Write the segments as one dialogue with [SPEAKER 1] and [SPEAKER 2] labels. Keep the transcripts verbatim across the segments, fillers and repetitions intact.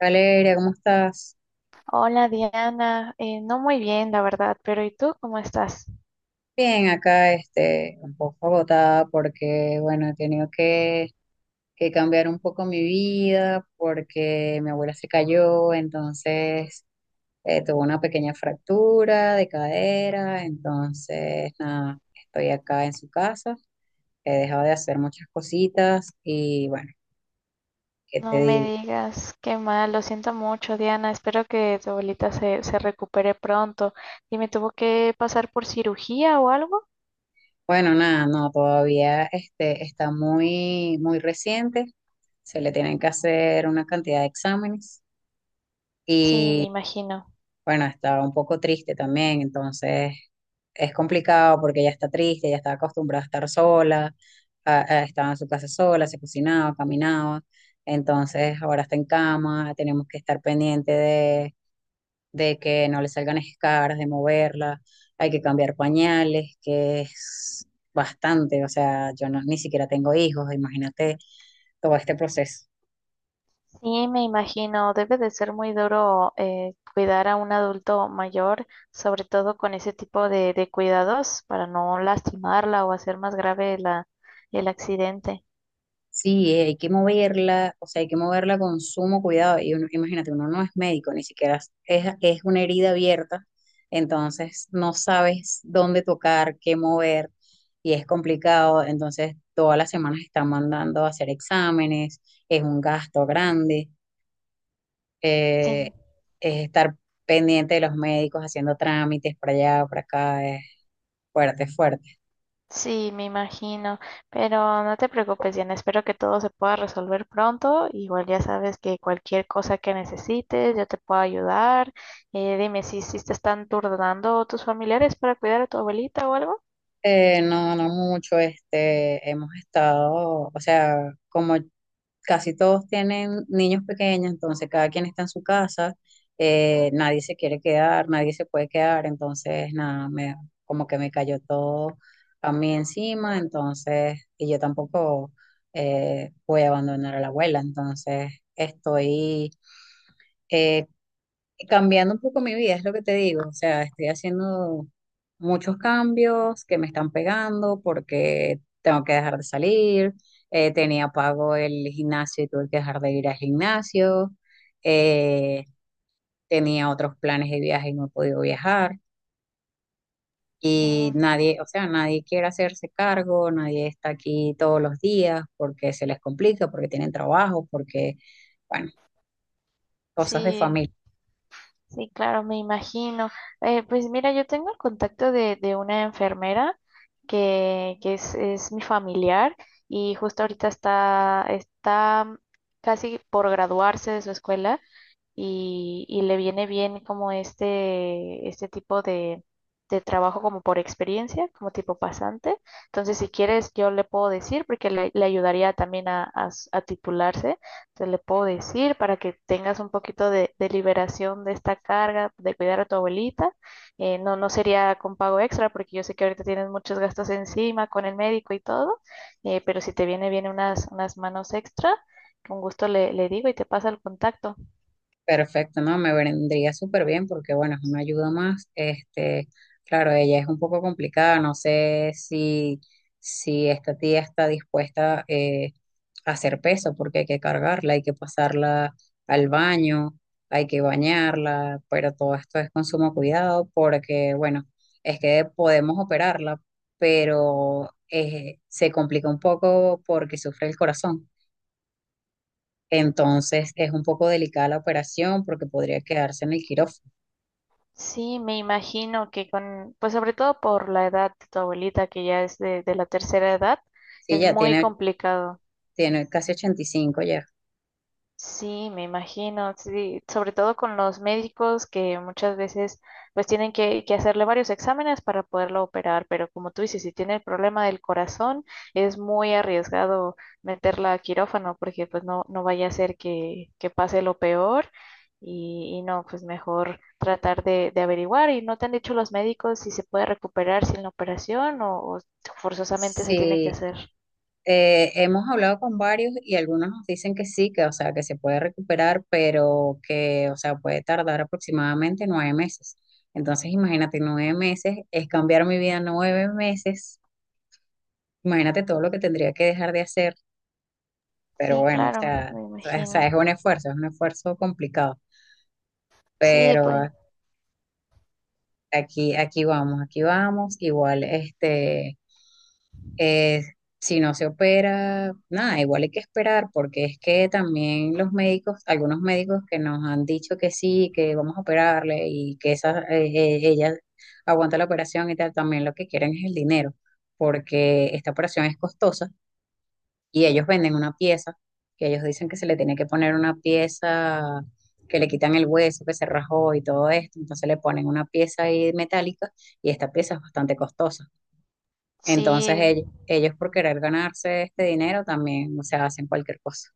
[SPEAKER 1] Valeria, ¿cómo estás?
[SPEAKER 2] Hola Diana, Eh, no muy bien la verdad, pero ¿y tú cómo estás?
[SPEAKER 1] Bien, acá este, un poco agotada porque, bueno, he tenido que, que cambiar un poco mi vida porque mi abuela se cayó. Entonces eh, tuvo una pequeña fractura de cadera, entonces nada, estoy acá en su casa, he dejado de hacer muchas cositas y bueno, ¿qué te
[SPEAKER 2] No me
[SPEAKER 1] digo?
[SPEAKER 2] digas, qué mal, lo siento mucho Diana, espero que tu abuelita se, se recupere pronto. ¿Y me tuvo que pasar por cirugía o algo?
[SPEAKER 1] Bueno, nada, no, todavía este, está muy, muy reciente, se le tienen que hacer una cantidad de exámenes.
[SPEAKER 2] Sí, me
[SPEAKER 1] Y
[SPEAKER 2] imagino.
[SPEAKER 1] bueno, estaba un poco triste también, entonces es complicado porque ella está triste, ella está acostumbrada a estar sola, a- a- estaba en su casa sola, se cocinaba, caminaba, entonces ahora está en cama, tenemos que estar pendiente de, de que no le salgan escaras, de moverla, hay que cambiar pañales, que es bastante, o sea, yo no- ni siquiera tengo hijos, imagínate todo este proceso.
[SPEAKER 2] Sí, me imagino, debe de ser muy duro eh, cuidar a un adulto mayor, sobre todo con ese tipo de, de cuidados para no lastimarla o hacer más grave la, el accidente.
[SPEAKER 1] Sí, eh, hay que moverla, o sea, hay que moverla con sumo cuidado. Y uno, imagínate, uno no es médico, ni siquiera es, es es una herida abierta, entonces no sabes dónde tocar, qué mover, y es complicado. Entonces, todas las semanas están mandando a hacer exámenes, es un gasto grande,
[SPEAKER 2] Sí.
[SPEAKER 1] eh, es estar pendiente de los médicos haciendo trámites para allá, para acá, es fuerte, fuerte.
[SPEAKER 2] Sí, me imagino, pero no te preocupes, Diana, espero que todo se pueda resolver pronto. Igual ya sabes que cualquier cosa que necesites, yo te puedo ayudar. Eh, dime si, si te están turnando tus familiares para cuidar a tu abuelita o algo.
[SPEAKER 1] Eh, no, no mucho, este, hemos estado, o sea, como casi todos tienen niños pequeños, entonces cada quien está en su casa, eh, nadie se quiere quedar, nadie se puede quedar, entonces nada, me, como que me cayó todo a mí encima. Entonces, y yo tampoco eh, voy a abandonar a la abuela, entonces estoy eh, cambiando un poco mi vida, es lo que te digo. O sea, estoy haciendo muchos cambios que me están pegando porque tengo que dejar de salir. Eh, tenía pago el gimnasio y tuve que dejar de ir al gimnasio. eh, Tenía otros planes de viaje y no he podido viajar. Y
[SPEAKER 2] No,
[SPEAKER 1] nadie, o sea, nadie quiere hacerse cargo, nadie está aquí todos los días porque se les complica, porque tienen trabajo, porque, bueno, cosas de familia.
[SPEAKER 2] sí, sí, claro, me imagino. Eh, pues mira, yo tengo el contacto de, de una enfermera que, que es, es mi familiar y justo ahorita está, está casi por graduarse de su escuela y, y le viene bien como este, este tipo de, de trabajo como por experiencia, como tipo pasante. Entonces, si quieres, yo le puedo decir, porque le, le ayudaría también a, a s- a titularse, entonces le puedo decir para que tengas un poquito de, de liberación de esta carga, de cuidar a tu abuelita. Eh, no, no sería con pago extra, porque yo sé que ahorita tienes muchos gastos encima con el médico y todo, eh, pero si te viene bien unas, unas manos extra, con gusto le, le digo y te pasa el contacto.
[SPEAKER 1] Perfecto, no, me vendría súper bien porque, bueno, es una ayuda más. Este, claro, ella es un poco complicada, no sé si, si esta tía está dispuesta eh, a hacer peso porque hay que cargarla, hay que pasarla al baño, hay que bañarla, pero todo esto es con sumo cuidado porque, bueno, es que podemos operarla, pero eh, se complica un poco porque sufre el corazón. Entonces es un poco delicada la operación porque podría quedarse en el quirófano.
[SPEAKER 2] Sí, me imagino que con, pues sobre todo por la edad de tu abuelita, que ya es de, de la tercera edad,
[SPEAKER 1] Sí,
[SPEAKER 2] es
[SPEAKER 1] ya
[SPEAKER 2] muy
[SPEAKER 1] tiene,
[SPEAKER 2] complicado.
[SPEAKER 1] tiene casi ochenta y cinco ya.
[SPEAKER 2] Sí, me imagino, sí, sobre todo con los médicos que muchas veces pues tienen que, que hacerle varios exámenes para poderlo operar, pero como tú dices, si tiene el problema del corazón, es muy arriesgado meterla a quirófano porque pues no, no vaya a ser que, que pase lo peor y, y no, pues mejor tratar de, de averiguar y no te han dicho los médicos si se puede recuperar sin la operación o o forzosamente se tiene que
[SPEAKER 1] Sí,
[SPEAKER 2] hacer.
[SPEAKER 1] eh, hemos hablado con varios y algunos nos dicen que sí, que o sea, que se puede recuperar, pero que o sea, puede tardar aproximadamente nueve meses. Entonces imagínate, nueve meses es cambiar mi vida nueve meses. Imagínate todo lo que tendría que dejar de hacer, pero
[SPEAKER 2] Sí,
[SPEAKER 1] bueno, o
[SPEAKER 2] claro,
[SPEAKER 1] sea,
[SPEAKER 2] me
[SPEAKER 1] o
[SPEAKER 2] imagino.
[SPEAKER 1] sea, es un esfuerzo, es un esfuerzo complicado,
[SPEAKER 2] Sí, pues
[SPEAKER 1] pero Aquí, aquí vamos, aquí vamos. Igual, este, eh, si no se opera, nada, igual hay que esperar, porque es que también los médicos, algunos médicos que nos han dicho que sí, que vamos a operarle y que esa, eh, eh, ella aguanta la operación y tal, también lo que quieren es el dinero, porque esta operación es costosa y ellos venden una pieza, que ellos dicen que se le tiene que poner una pieza, que le quitan el hueso, que se rajó y todo esto, entonces le ponen una pieza ahí metálica y esta pieza es bastante costosa. Entonces
[SPEAKER 2] sí.
[SPEAKER 1] ellos, ellos por querer ganarse este dinero también, o sea, hacen cualquier cosa.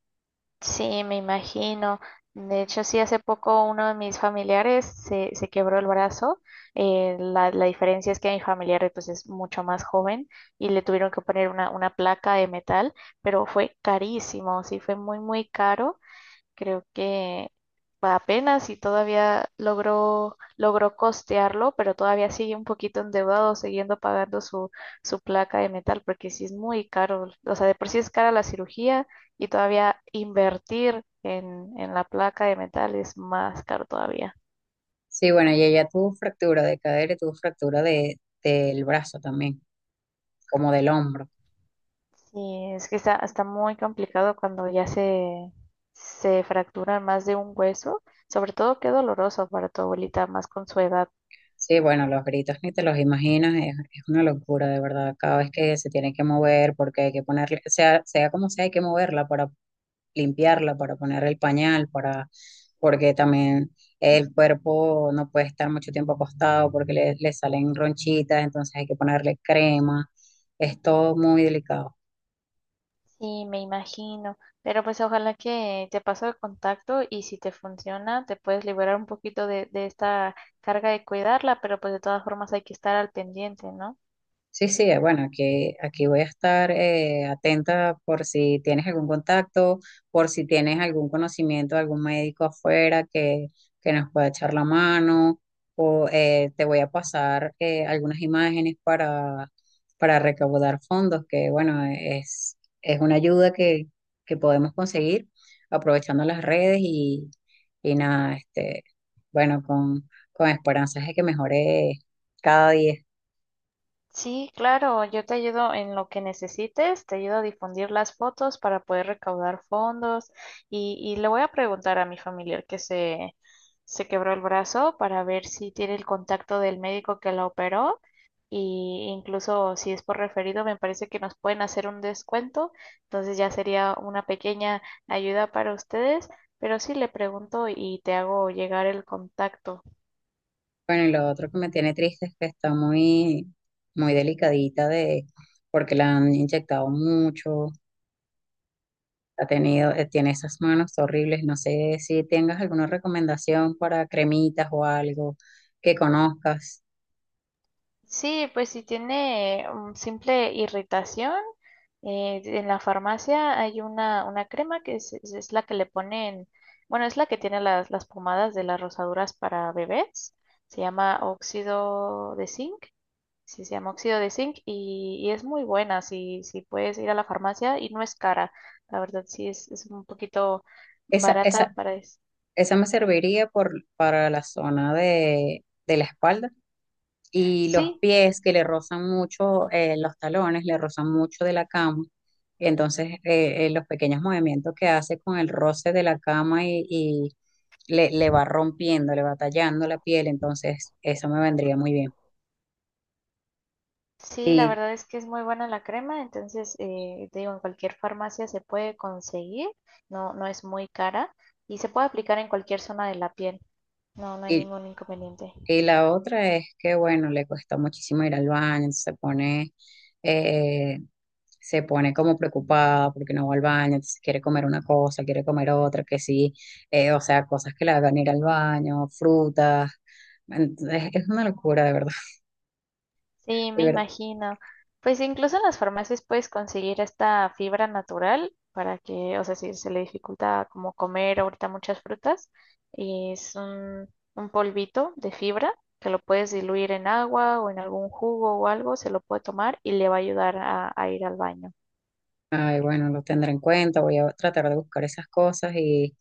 [SPEAKER 2] Sí, me imagino. De hecho, sí, hace poco uno de mis familiares se, se quebró el brazo. Eh, la, la diferencia es que mi familiar pues, es mucho más joven y le tuvieron que poner una, una placa de metal, pero fue carísimo, sí, fue muy, muy caro. Creo que apenas y todavía logró, logró costearlo, pero todavía sigue un poquito endeudado, siguiendo pagando su, su placa de metal, porque sí es muy caro. O sea, de por sí es cara la cirugía y todavía invertir en, en la placa de metal es más caro todavía.
[SPEAKER 1] Sí, bueno, y ella tuvo fractura de cadera y tuvo fractura de, del brazo también, como del hombro.
[SPEAKER 2] Sí, es que está, está muy complicado cuando ya se, se fracturan más de un hueso, sobre todo qué doloroso para tu abuelita, más con su edad.
[SPEAKER 1] Sí, bueno, los gritos ni te los imaginas, es, es una locura, de verdad. Cada vez que se tiene que mover, porque hay que ponerle, sea, sea como sea, hay que moverla para limpiarla, para poner el pañal, para, porque también el cuerpo no puede estar mucho tiempo acostado porque le, le salen ronchitas, entonces hay que ponerle crema. Es todo muy delicado.
[SPEAKER 2] Sí, me imagino. Pero pues ojalá que te paso el contacto y si te funciona, te puedes liberar un poquito de, de esta carga de cuidarla, pero pues de todas formas hay que estar al pendiente, ¿no?
[SPEAKER 1] Sí, sí, eh, bueno, aquí, aquí voy a estar eh, atenta por si tienes algún contacto, por si tienes algún conocimiento de algún médico afuera que, que nos pueda echar la mano, o eh, te voy a pasar eh, algunas imágenes para, para recaudar fondos, que bueno, es, es una ayuda que, que podemos conseguir aprovechando las redes y, y nada, este, bueno, con, con esperanzas de que mejore cada día.
[SPEAKER 2] Sí, claro, yo te ayudo en lo que necesites, te ayudo a difundir las fotos para poder recaudar fondos y, y le voy a preguntar a mi familiar que se, se quebró el brazo para ver si tiene el contacto del médico que la operó. Y incluso si es por referido, me parece que nos pueden hacer un descuento. Entonces ya sería una pequeña ayuda para ustedes. Pero sí le pregunto y te hago llegar el contacto.
[SPEAKER 1] Bueno, y lo otro que me tiene triste es que está muy, muy delicadita de, porque la han inyectado mucho, ha tenido, eh, tiene esas manos horribles. No sé si tengas alguna recomendación para cremitas o algo que conozcas.
[SPEAKER 2] Sí, pues si tiene um, simple irritación, eh, en la farmacia hay una, una crema que es, es- es la que le ponen, bueno, es la que tiene las, las pomadas de las rosaduras para bebés. Se llama óxido de zinc. Sí, se llama óxido de zinc y, y es muy buena si, si puedes ir a la farmacia y no es cara. La verdad sí es, es un poquito
[SPEAKER 1] Esa,
[SPEAKER 2] barata
[SPEAKER 1] esa,
[SPEAKER 2] para eso.
[SPEAKER 1] Esa me serviría por, para la zona de, de la espalda. Y los
[SPEAKER 2] Sí,
[SPEAKER 1] pies que le rozan mucho, eh, los talones le rozan mucho de la cama. Y entonces eh, eh, los pequeños movimientos que hace con el roce de la cama y, y le, le va rompiendo, le va tallando la piel, entonces eso me vendría muy bien.
[SPEAKER 2] sí, la verdad es que es muy buena la crema, entonces eh, te digo, en cualquier farmacia se puede conseguir, no, no es muy cara y se puede aplicar en cualquier zona de la piel. No, no hay
[SPEAKER 1] Y,
[SPEAKER 2] ningún inconveniente.
[SPEAKER 1] y la otra es que, bueno, le cuesta muchísimo ir al baño, se pone, eh, se pone como preocupada porque no va al baño, entonces quiere comer una cosa, quiere comer otra, que sí, eh, o sea, cosas que le hagan ir al baño, frutas. Entonces, es una locura, de verdad,
[SPEAKER 2] Sí,
[SPEAKER 1] de
[SPEAKER 2] me
[SPEAKER 1] verdad.
[SPEAKER 2] imagino. Pues incluso en las farmacias puedes conseguir esta fibra natural para que, o sea, si se le dificulta como comer ahorita muchas frutas, y es un, un polvito de fibra que lo puedes diluir en agua o en algún jugo o algo, se lo puede tomar y le va a ayudar a, a ir al baño.
[SPEAKER 1] Ay, bueno, lo tendré en cuenta, voy a tratar de buscar esas cosas y,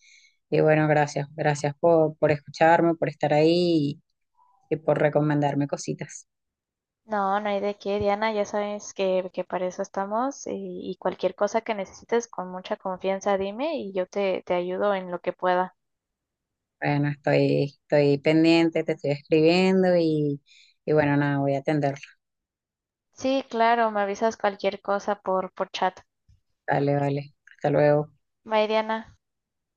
[SPEAKER 1] y bueno, gracias, gracias por, por escucharme, por estar ahí y y por recomendarme cositas.
[SPEAKER 2] No, no hay de qué, Diana, ya sabes que, que para eso estamos y, y cualquier cosa que necesites con mucha confianza dime y yo te, te ayudo en lo que pueda.
[SPEAKER 1] Bueno, estoy, estoy pendiente, te estoy escribiendo y, y bueno, nada, voy a atenderlo.
[SPEAKER 2] Sí, claro, me avisas cualquier cosa por, por chat.
[SPEAKER 1] Dale, vale. Hasta luego.
[SPEAKER 2] Bye, Diana.